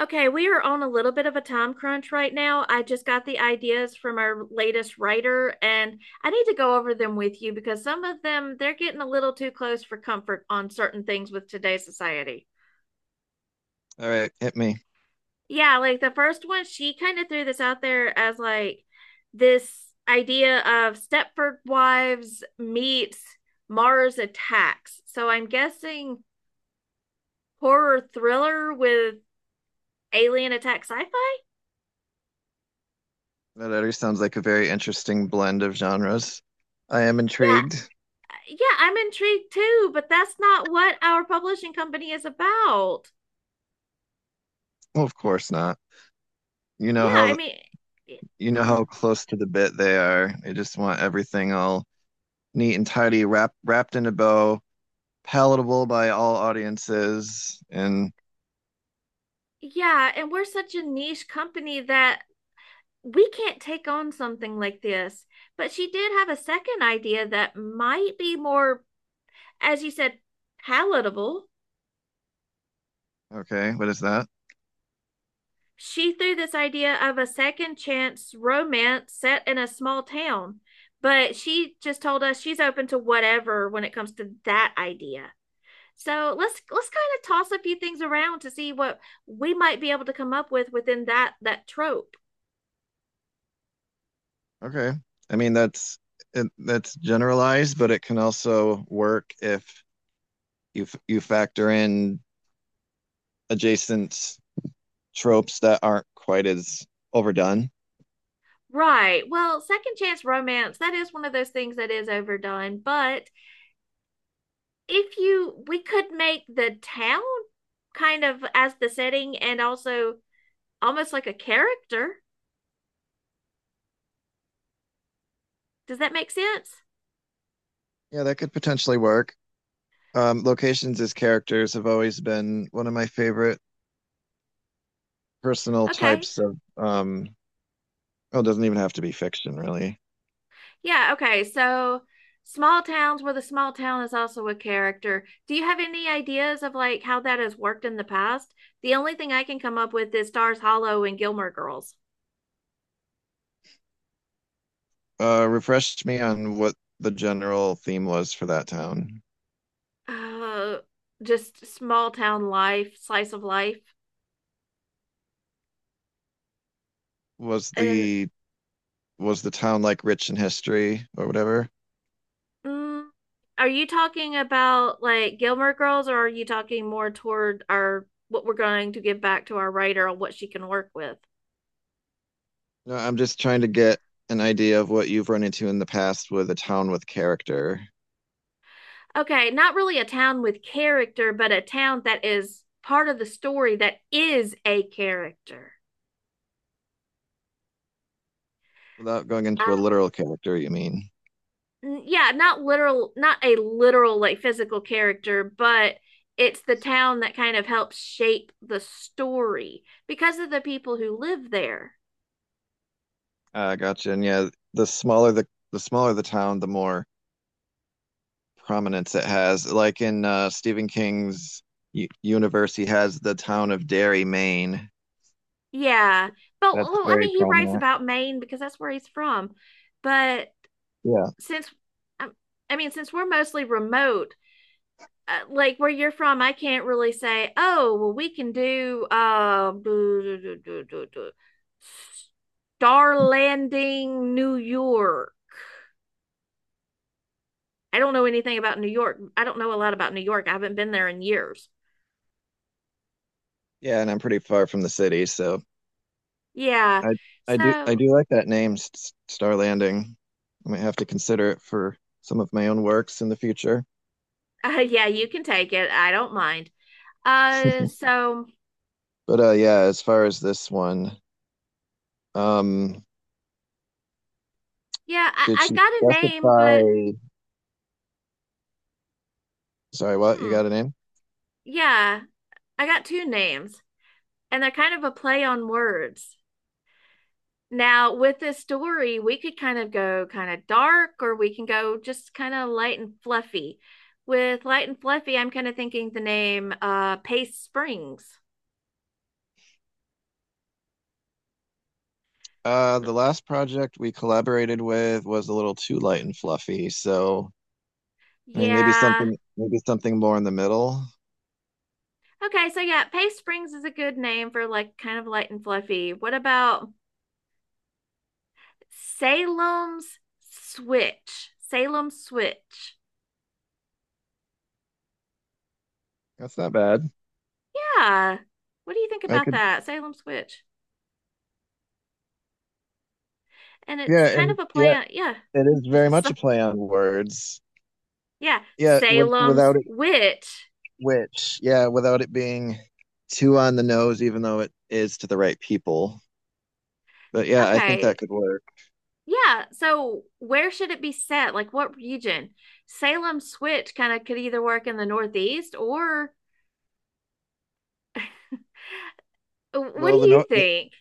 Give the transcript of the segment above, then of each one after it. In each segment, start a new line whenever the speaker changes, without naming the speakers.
Okay, we are on a little bit of a time crunch right now. I just got the ideas from our latest writer, and I need to go over them with you because some of them they're getting a little too close for comfort on certain things with today's society.
All right, hit me.
Yeah, like the first one, she kind of threw this out there as like this idea of Stepford Wives meets Mars Attacks. So I'm guessing horror thriller with alien attack sci-fi?
That already sounds like a very interesting blend of genres. I am
Yeah,
intrigued.
yeah, I'm intrigued too, but that's not what our publishing company is about.
Well, of course not. You know
Yeah, I
how
mean,
you know
yeah,
how close to the bit they are. They just want everything all neat and tidy, wrapped in a bow, palatable by all audiences. And
yeah, and we're such a niche company that we can't take on something like this. But she did have a second idea that might be more, as you said, palatable.
okay, what is that?
She threw this idea of a second chance romance set in a small town, but she just told us she's open to whatever when it comes to that idea. So let's kind of toss a few things around to see what we might be able to come up with within that trope.
Okay. I mean that's it, that's generalized, but it can also work if you factor in adjacent tropes that aren't quite as overdone.
Right. Well, second chance romance, that is one of those things that is overdone, but if you we could make the town kind of as the setting and also almost like a character. Does that make sense?
Yeah, that could potentially work. Locations as characters have always been one of my favorite personal
Okay.
types of. Well, it doesn't even have to be fiction, really.
Yeah, okay. So small towns where the small town is also a character. Do you have any ideas of like how that has worked in the past? The only thing I can come up with is Stars Hollow and Gilmore Girls.
Refresh me on what the general theme was for that town.
Uh, just small town life, slice of life.
Was
And
the town like rich in history or whatever?
mm, are you talking about like Gilmore Girls or are you talking more toward our what we're going to give back to our writer on what she can work with?
No, I'm just trying to get an idea of what you've run into in the past with a town with character.
Okay, not really a town with character, but a town that is part of the story that is a character.
Without going
Uh,
into a literal character, you mean?
yeah, not a literal like physical character, but it's the town that kind of helps shape the story because of the people who live there.
Gotcha. And yeah, the smaller the town, the more prominence it has. Like in Stephen King's universe, he has the town of Derry, Maine.
Yeah, but
That's
well, I
very
mean, he writes
prominent.
about Maine because that's where he's from. But
Yeah,
since, um, I mean, since we're mostly remote, like where you're from, I can't really say, oh, well, we can do Star Landing, New York. I don't know anything about New York. I don't know a lot about New York. I haven't been there in years.
yeah. And I'm pretty far from the city, so
Yeah.
I I
So,
do like that name, Star Landing. I might have to consider it for some of my own works in the future.
yeah, you can take it. I don't mind. So
But yeah, as far as this one, um,
yeah, I,
did
I
she
got a name, but
specify? Sorry, what? You
hmm,
got a name?
yeah, I got two names, and they're kind of a play on words. Now, with this story, we could kind of go kind of dark or we can go just kind of light and fluffy. With light and fluffy, I'm kind of thinking the name Pace Springs.
The last project we collaborated with was a little too light and fluffy, so I mean
Yeah.
maybe something more in the middle.
Okay, so yeah, Pace Springs is a good name for like kind of light and fluffy. What about Salem's Switch? Salem Switch.
That's not bad.
Yeah. What do you think
I
about
could
that? Salem Switch. And it's
yeah,
kind of
and
a play
yeah,
on yeah.
it is very much
So,
a play on words.
yeah,
Yeah,
Salem's
without it,
Witch.
which, yeah, without it being too on the nose, even though it is to the right people. But yeah, I think that
Okay,
could work.
yeah. So where should it be set? Like what region? Salem Switch kind of could either work in the Northeast, or what do
Well,
you think?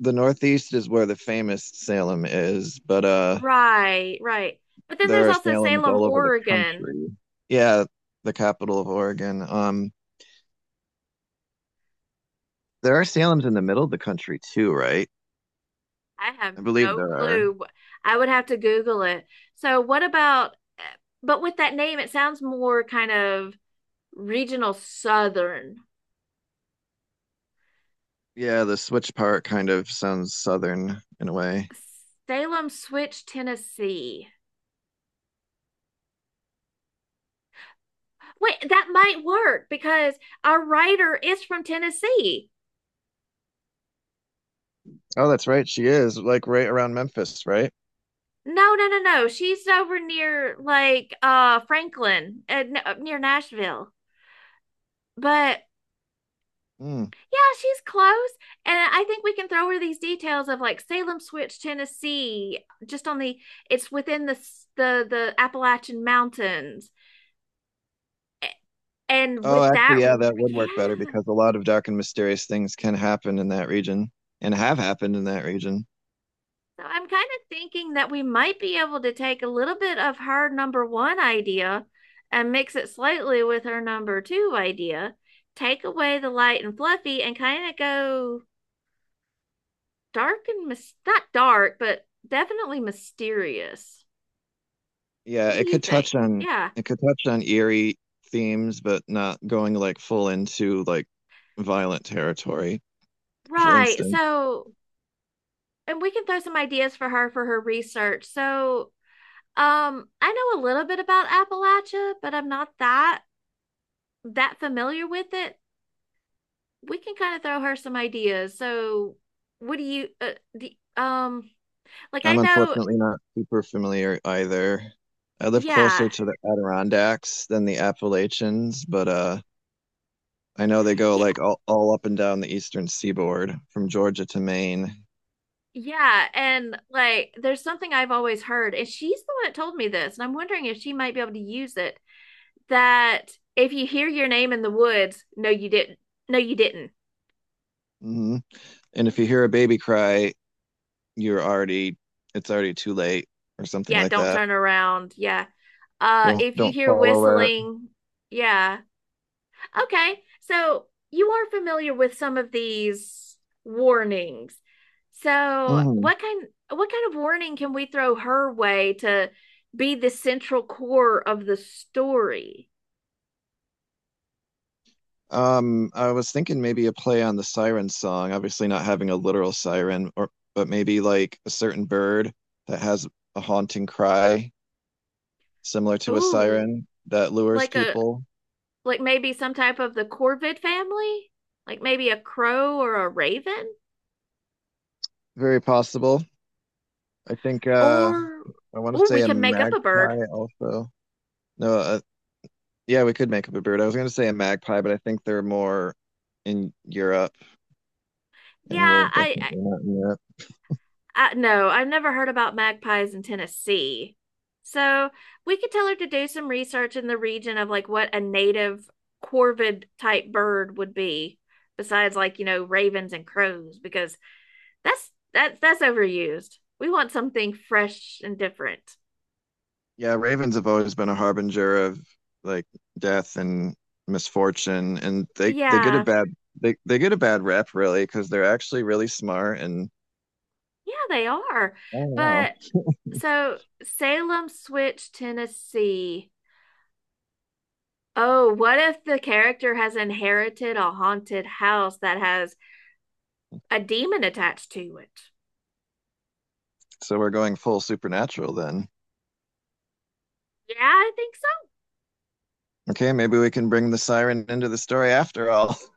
the Northeast is where the famous Salem is, but uh,
Right, right. But then there's
there are
also
Salems
Salem,
all over the
Oregon.
country. Yeah, the capital of Oregon. There are Salems in the middle of the country too, right?
I have
I believe
no
there are.
clue. I would have to Google it. So what about, but with that name, it sounds more kind of regional Southern.
Yeah, the switch part kind of sounds southern in a way.
Salem Switch, Tennessee. Wait, that might work because our writer is from Tennessee.
Oh, that's right. She is like right around Memphis, right?
No, no, no, no. She's over near like Franklin, up near Nashville. But
Hmm.
yeah, she's close, and I think we can throw her these details of like Salem Switch, Tennessee, just on the it's within the s- the Appalachian Mountains. A- And
Oh,
with that,
actually, yeah, that would work better
yeah.
because a lot of dark and mysterious things can happen in that region and have happened in that region.
So I'm kind of thinking that we might be able to take a little bit of her number one idea and mix it slightly with her number two idea. Take away the light and fluffy and kind of go dark and mis not dark, but definitely mysterious.
Yeah,
What do
it
you
could
think?
touch on
Yeah,
eerie themes, but not going like full into like violent territory, for
right.
instance.
So, and we can throw some ideas for her research. So, I know a little bit about Appalachia, but I'm not that familiar with it. We can kind of throw her some ideas. So, what do you, do, um, like I
I'm
know,
unfortunately not super familiar either. I live
yeah,
closer to the Adirondacks than the Appalachians, but uh, I know they go
yeah,
like all up and down the eastern seaboard from Georgia to Maine.
yeah, and like there's something I've always heard, and she's the one that told me this, and I'm wondering if she might be able to use it. That if you hear your name in the woods, no, you didn't. No, you didn't.
Hmm. And if you hear a baby cry, you're already, it's already too late or something
Yeah,
like
don't
that.
turn around. Yeah.
Don't
If you
don't
hear
follow it.
whistling, yeah. Okay, so you are familiar with some of these warnings. So,
Hmm.
what kind of warning can we throw her way to be the central core of the story?
I was thinking maybe a play on the siren song, obviously not having a literal siren, or but maybe like a certain bird that has a haunting cry similar to a
Ooh,
siren that lures
like a
people.
like maybe some type of the Corvid family? Like maybe a crow or a raven?
Very possible. I think
Or
I want to
ooh, we
say a
could make up a bird.
magpie also. No, yeah, we could make up a bird. I was going to say a magpie, but I think they're more in Europe,
Yeah,
and we're definitely not in Europe.
no, I've never heard about magpies in Tennessee. So we could tell her to do some research in the region of like what a native corvid type bird would be, besides like, ravens and crows, because that's overused. We want something fresh and different.
Yeah, ravens have always been a harbinger of like death and misfortune, and they get a
Yeah,
bad they get a bad rep really because they're actually really smart, and
yeah, they are.
I don't know.
But so Salem Switch, Tennessee. Oh, what if the character has inherited a haunted house that has a demon attached to it.
So we're going full supernatural then.
Yeah, I think so.
Okay, maybe we can bring the siren into the story after all.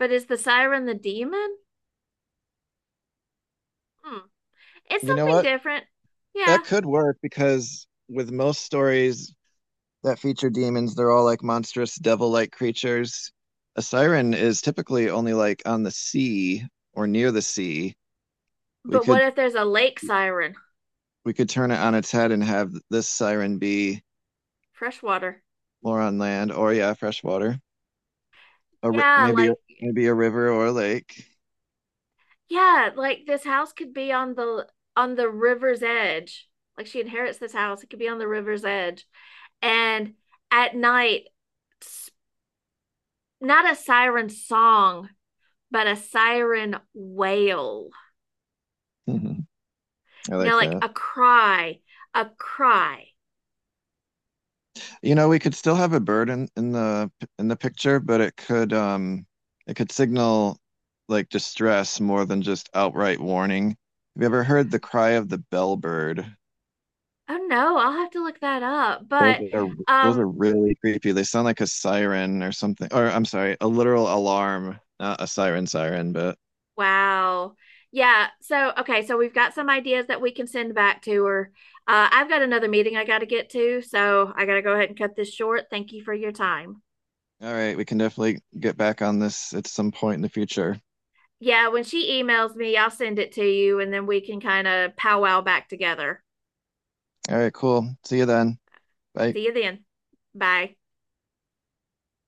But is the siren the demon? Hmm. It's
You know
something
what?
different. Yeah.
That could work because with most stories that feature demons, they're all like monstrous devil-like creatures. A siren is typically only like on the sea or near the sea. We
But what
could
if there's a lake siren?
we could turn it on its head and have this siren be
Freshwater.
more on land, or yeah, freshwater. Or
Yeah, like
maybe a river or a lake.
yeah, like this house could be on the river's edge. Like she inherits this house, it could be on the river's edge. And at night, not a siren song, but a siren wail.
Mm-hmm. I
You know,
like
like
that.
a cry, a cry.
You know, we could still have a bird in the picture, but it could signal like distress more than just outright warning. Have you ever heard the cry of the bellbird?
Oh no, I'll have to look that up.
Those
But
are those are
um
really creepy. They sound like a siren or something. Or I'm sorry, a literal alarm, not a siren, but
wow. Yeah, so okay, so we've got some ideas that we can send back to her. I've got another meeting I got to get to, so I got to go ahead and cut this short. Thank you for your time.
all right, we can definitely get back on this at some point in the future.
Yeah, when she emails me, I'll send it to you and then we can kind of powwow back together.
All right, cool. See you then. Bye.
See you then. Bye.